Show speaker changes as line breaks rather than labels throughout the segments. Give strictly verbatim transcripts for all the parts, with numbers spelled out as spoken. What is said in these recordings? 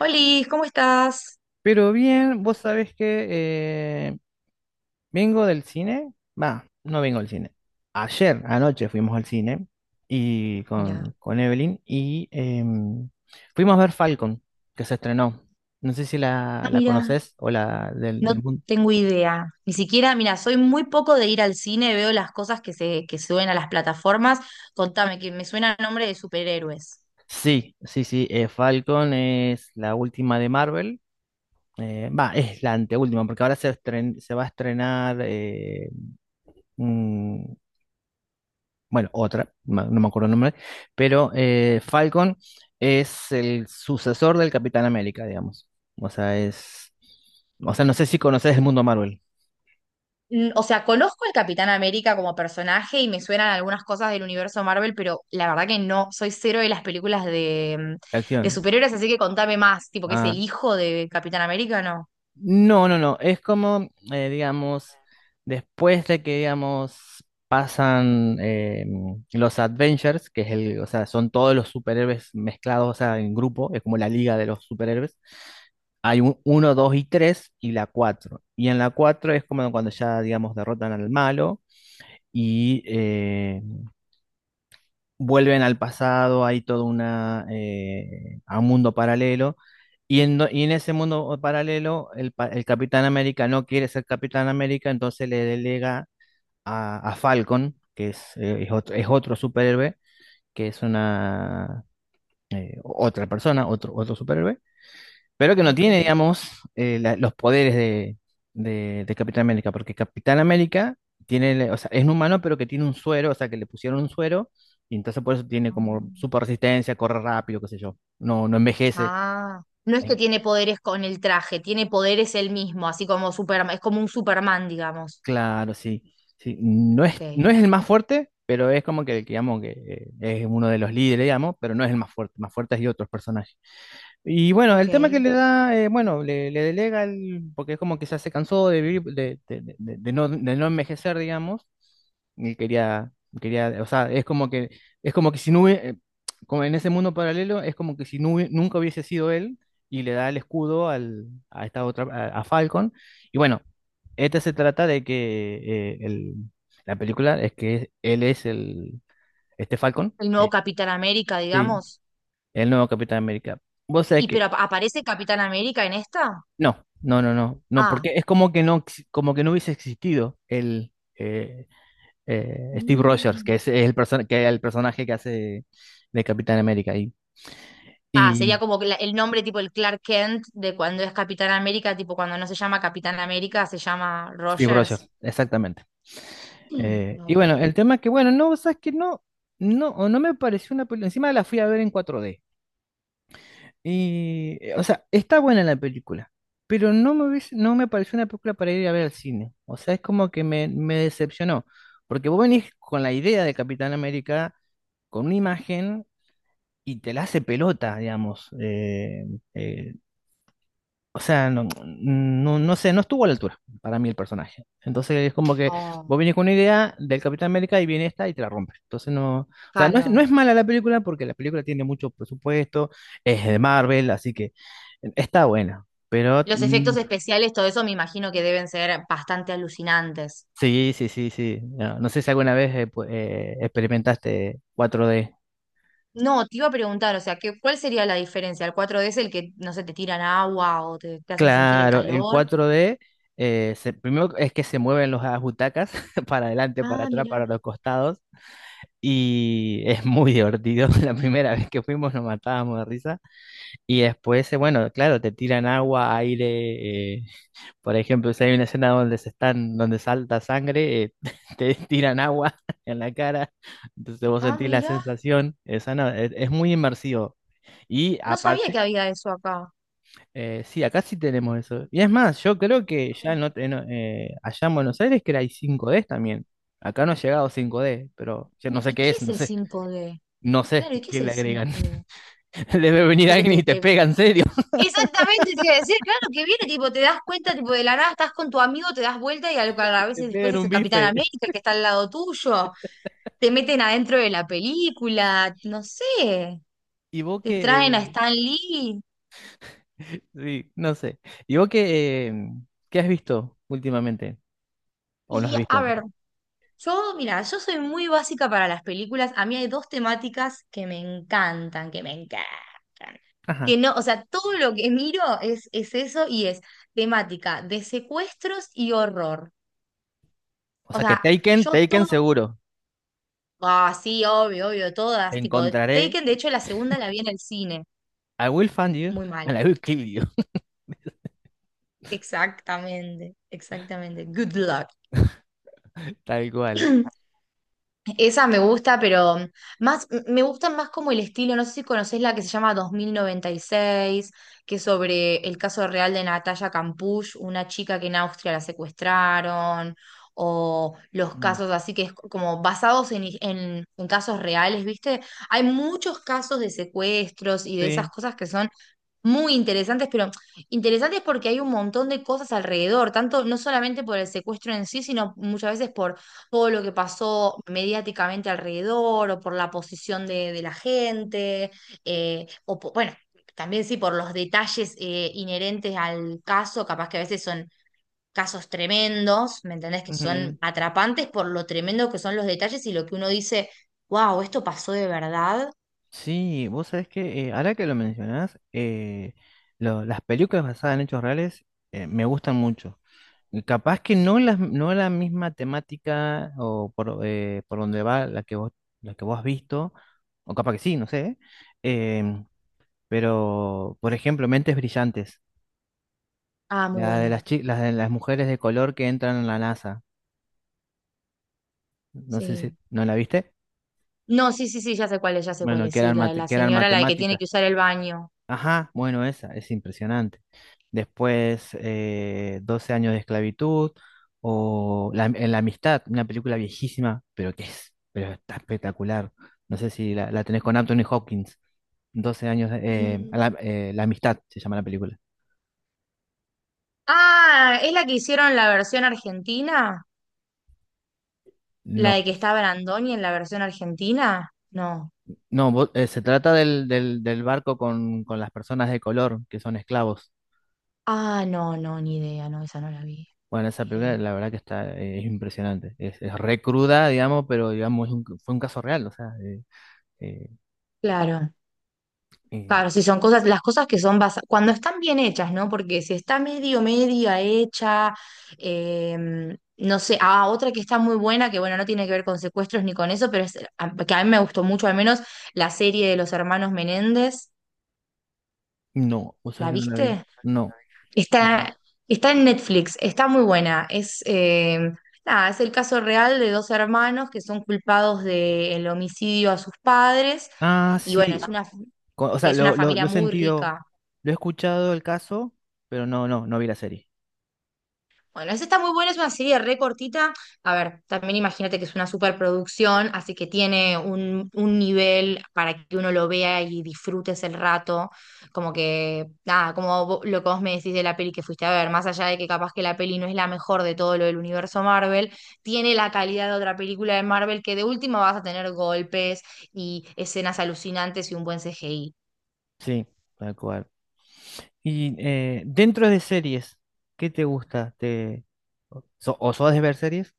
Holis, ¿cómo estás?
Pero bien, vos sabés que eh, vengo del cine. Va, no vengo del cine. Ayer, anoche fuimos al cine y
Mira.
con, con Evelyn y em, fuimos a ver Falcon, que se estrenó. No sé si
Ah,
la, la
mira,
conoces o la del,
no
del mundo.
tengo idea. Ni siquiera, mira, soy muy poco de ir al cine, veo las cosas que se que suben a las plataformas. Contame, que me suena el nombre de superhéroes.
Sí, sí, sí. eh, Falcon es la última de Marvel. eh, Va, es la anteúltima, porque ahora se, estren- se va a estrenar eh, mm, bueno, otra, ma- no me acuerdo el nombre, pero eh, Falcon es el sucesor del Capitán América, digamos. O sea, es, o sea, no sé si conoces el mundo Marvel,
Mm, o sea, conozco al Capitán América como personaje y me suenan algunas cosas del universo Marvel, pero la verdad que no, soy cero de las películas de, mm,
de
de
acción.
superhéroes, así que contame más, tipo que es el
Ah,
hijo de Capitán América, ¿no?
no, no, no. Es como, eh, digamos, después de que, digamos, pasan eh, los Adventures, que es el, o sea, son todos los superhéroes mezclados, o sea, en grupo, es como la liga de los superhéroes. Hay un, uno, dos y tres, y la cuatro. Y en la cuatro es como cuando ya, digamos, derrotan al malo y eh, vuelven al pasado, hay todo una, eh, a un mundo paralelo. Y en, do- y en ese mundo paralelo, el, pa- el Capitán América no quiere ser Capitán América, entonces le delega a, a Falcon, que es, eh, es otro, es otro superhéroe, que es una eh, otra persona, otro, otro superhéroe pero que no
Ok.
tiene, digamos, eh, la- los poderes de, de, de Capitán América, porque Capitán América tiene, o sea, es un humano, pero que tiene un suero, o sea, que le pusieron un suero, y entonces por eso tiene como super resistencia, corre rápido, qué sé yo, no, no envejece.
Ah, no es que
Eh,
tiene poderes con el traje, tiene poderes él mismo, así como Superman, es como un Superman, digamos.
Claro, sí, sí. No es,
Ok,
no es el más fuerte, pero es como que, digamos, que eh, es uno de los líderes, digamos, pero no es el más fuerte, más fuerte hay otros personajes. Y bueno,
ok.
el tema que
El
le da, eh, bueno, le, le delega, el, porque es como que ya se cansó de vivir, de, de- de- de- de no, de no envejecer, digamos, y quería, quería, o sea, es como que, es como que si no hubie- eh, como en ese mundo paralelo, es como que si no hubie- nunca hubiese sido él, y le da el escudo al, a esta otra, a, a Falcon, y bueno, este se trata de que eh, el- la película es que él es el, este Falcon,
nuevo
eh,
Capitán América,
sí,
digamos.
el nuevo Capitán América. Vos sabés
¿Y
que
pero ap- aparece Capitán América en esta?
no, no, no, no, no,
Ah.
porque es como que no, ex- como que no hubiese existido el eh, eh, Steve Rogers,
Mm.
que es, es el perso- que es el personaje que hace de Capitán América y,
Ah,
y
sería como que la- el nombre tipo el Clark Kent de cuando es Capitán América, tipo cuando no se llama Capitán América, se llama
Steve
Rogers.
Rogers, exactamente.
Mm.
Eh, y bueno,
Ok.
el tema es que bueno, no, sabes que no, no, o no me pareció una película. Encima la fui a ver en cuatro D. Y, eh, o sea, está buena la película, pero no me hubiese- no me pareció una película para ir a ver al cine. O sea, es como que me, me decepcionó, porque vos venís con la idea de Capitán América, con una imagen, y te la hace pelota, digamos. Eh, eh, o sea, no, no, no sé, no estuvo a la altura para mí el personaje. Entonces es como que
Oh,
vos vienes con una idea del Capitán América y viene esta y te la rompe. Entonces no, o sea, no es, no
claro.
es mala la película porque la película tiene mucho presupuesto, es de Marvel, así que está buena. Pero
Los
mm,
efectos especiales, todo eso me imagino que deben ser bastante alucinantes.
sí, sí, sí, sí. No, no sé si alguna vez eh, pu- eh, experimentaste cuatro D.
No, te iba a preguntar, o sea, ¿qué, cuál sería la diferencia? ¿El cuatro 4D es el que, no sé, te tiran agua o te, te hacen sentir el
Claro, el
calor?
cuatro D, eh, se- primero es que se mueven las butacas para adelante, para
Ah,
atrás,
mira.
para los costados. Y es muy divertido. La primera vez que fuimos nos matábamos de risa. Y después, eh, bueno, claro, te tiran agua, aire. Eh, por ejemplo, si hay una escena donde se están, donde salta sangre, eh, te tiran agua en la cara. Entonces vos
Ah,
sentís la
mira.
sensación. Esa no, es, es muy inmersivo. Y
No sabía
aparte,
que había eso acá.
eh, sí, acá sí tenemos eso. Y es más, yo creo que ya
Mira.
no, te- no, eh, allá en Buenos Aires que era hay cinco d también. Acá no ha llegado cinco d pero yo no
¿Y,
sé
y
qué
qué
es,
es
no
el
sé,
cinco d?
no sé
Claro, ¿y qué
qué
es
le
el
agregan.
cinco d?
Debe venir
Porque
alguien y
te,
te
te.
pega, en serio.
Exactamente, te iba a decir, claro, que viene, tipo, te das cuenta, tipo, de la nada estás con tu amigo, te das vuelta y a, a
Y te
veces después
pegan
es
un
el Capitán
bife.
América el que está al lado tuyo. Te meten adentro de la película, no sé.
Y vos
Te
que...
traen a
eh,
Stan Lee.
sí, no sé. Y vos que... eh, ¿qué has visto últimamente? ¿O no has
Y a
visto?
ver, yo, mira, yo soy muy básica para las películas. A mí hay dos temáticas que me encantan, que me encantan.
Ajá.
Que no, o sea, todo lo que miro es, es eso y es temática de secuestros y horror.
O
O
sea que
sea,
Taken,
yo
Taken
todo.
seguro.
Ah, sí, obvio, obvio,
Te
todas. Tipo,
encontraré.
Taken, de hecho, la segunda la vi en el cine.
I will find you
Muy mala.
and I will kill you.
Exactamente, exactamente. Good luck.
Tal cual.
Esa me gusta, pero más, m- me gusta más como el estilo, no sé si conocés la que se llama dos mil noventa y seis, que es sobre el caso real de Natalia Campuch, una chica que en Austria la secuestraron, o los
Mm,
casos así que es como basados en, en en casos reales, ¿viste? Hay muchos casos de secuestros y de esas
sí.
cosas que son muy interesantes, pero interesantes porque hay un montón de cosas alrededor, tanto no solamente por el secuestro en sí, sino muchas veces por todo lo que pasó mediáticamente alrededor o por la posición de, de la gente, eh, o po- bueno, también sí por los detalles eh, inherentes al caso, capaz que a veces son casos tremendos, ¿me entendés? Que son atrapantes por lo tremendo que son los detalles y lo que uno dice, wow, esto pasó de verdad.
Sí, vos sabés que eh, ahora que lo mencionás, eh, lo- las películas basadas en hechos reales eh, me gustan mucho. Y capaz que no las, no la misma temática o por, eh, por donde va la que vos, la que vos has visto, o capaz que sí, no sé. em, pero, por ejemplo, Mentes Brillantes,
Ah, muy
la de
bueno,
las, chi- las de las mujeres de color que entran en la NASA. No sé si,
sí.
¿no la viste?
No, sí, sí, sí, ya sé cuál es, ya sé cuál
Bueno,
es.
que
Sí,
eran,
la de
mate-
la
que eran
señora, la de que tiene
matemáticas.
que usar el baño.
Ajá, bueno, esa es impresionante. Después, eh, doce años de esclavitud o la, en la amistad, una película viejísima, pero que es, pero está espectacular. No sé si la, la tenés con Anthony Hopkins. Doce años, de- eh, a
Mm.
la, eh, La amistad se llama la película.
Ah, ¿es la que hicieron la versión argentina? ¿La
No,
de que está Brandoni en la versión argentina? No.
no, vo- eh, se trata del, del, del barco con, con las personas de color que son esclavos.
Ah, no, no, ni idea, no, esa no la vi.
Bueno,
No,
esa
ni
película
idea.
la verdad que está, eh, es impresionante. Es, es re cruda, digamos, pero digamos, es un- fue un caso real, o sea, eh, eh,
Claro.
eh,
Claro, si son cosas, las cosas que son basadas, cuando están bien hechas, ¿no? Porque si está medio, media hecha, em, no sé, ah, otra que está muy buena, que bueno, no tiene que ver con secuestros ni con eso, pero es, a- que a mí me gustó mucho, al menos la serie de los hermanos Menéndez,
no, o sea
¿la
que no la vi.
viste?
No. Mm.
Está, está en Netflix, está muy buena, es, em, nada, es el caso real de dos hermanos que son culpados del homicidio a sus padres,
Ah,
y bueno, es
sí.
una,
co- O
que
sea,
es una
lo, lo,
familia
lo he
muy
sentido,
rica.
lo he escuchado el caso, pero no, no, no vi la serie.
Bueno, esa está muy buena, es una serie re cortita. A ver, también imagínate que es una superproducción, así que tiene un, un nivel para que uno lo vea y disfrutes el rato. Como que, nada, como vo- lo que vos me decís de la peli que fuiste a ver, más allá de que capaz que la peli no es la mejor de todo lo del universo Marvel, tiene la calidad de otra película de Marvel que de última vas a tener golpes y escenas alucinantes y un buen C G I.
Sí, tal cual. Y eh, dentro de series, ¿qué te gusta? ¿Te... so- o sos de ver series?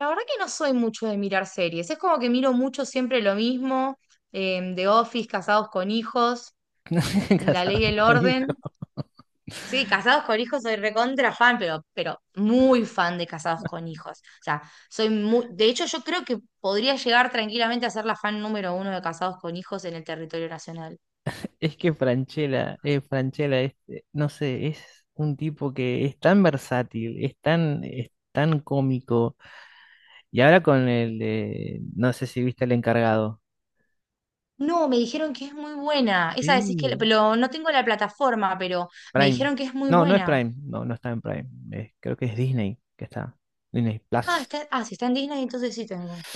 La verdad que no soy mucho de mirar series. Es como que miro mucho siempre lo mismo. em, The Office, Casados con Hijos, La Ley
Casado
y el
con hijo.
Orden. Sí, Casados con Hijos soy recontra fan, pero, pero muy fan de Casados con Hijos. O sea, soy muy. De hecho, yo creo que podría llegar tranquilamente a ser la fan número uno de Casados con Hijos en el territorio nacional.
Es que Franchella, eh, Francella, este, no sé, es un tipo que es tan versátil, es tan, es tan cómico. Y ahora con el de, no sé si viste El Encargado.
No, me dijeron que es muy buena. Esa decís que. la-
Sí,
Pero no tengo la plataforma, pero me
Prime.
dijeron que es muy
No, no es
buena.
Prime. No, no está en Prime. Eh, creo que es Disney que está. Disney
Ah,
Plus.
está, ah, si está en Disney, entonces sí tengo.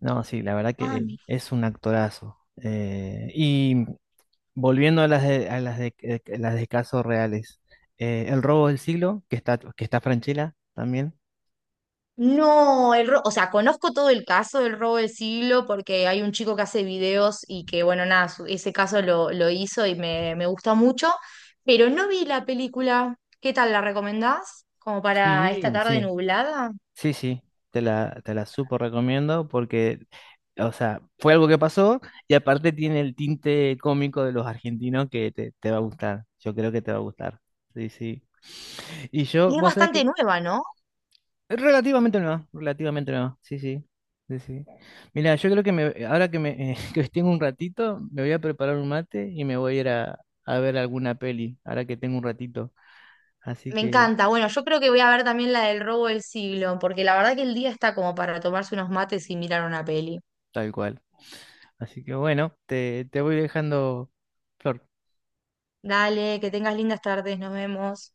No, sí, la verdad
Ah,
que es un actorazo. Eh, y volviendo a las de, a las de, eh, las de casos reales. eh, El robo del siglo, que está, que está Franchella también.
no, el ro- o sea, conozco todo el caso del robo del siglo porque hay un chico que hace videos y que, bueno, nada, su- ese caso lo, lo hizo y me, me gustó mucho, pero no vi la película. ¿Qué tal la recomendás? Como para esta
Sí,
tarde
sí.
nublada.
Sí, sí. Te la, te la súper recomiendo porque, o sea, fue algo que pasó y aparte tiene el tinte cómico de los argentinos que te, te va a gustar. Yo creo que te va a gustar. Sí, sí. Y yo,
Y es
vos sabés
bastante
que
nueva, ¿no?
relativamente nueva, relativamente nueva, sí, sí, sí, sí. Mira, yo creo que me, ahora que me eh, que tengo un ratito, me voy a preparar un mate y me voy a ir a, a ver alguna peli, ahora que tengo un ratito. Así
Me
que,
encanta. Bueno, yo creo que voy a ver también la del robo del siglo, porque la verdad que el día está como para tomarse unos mates y mirar una peli.
tal cual. Así que bueno, te, te voy dejando, Flor.
Dale, que tengas lindas tardes, nos vemos.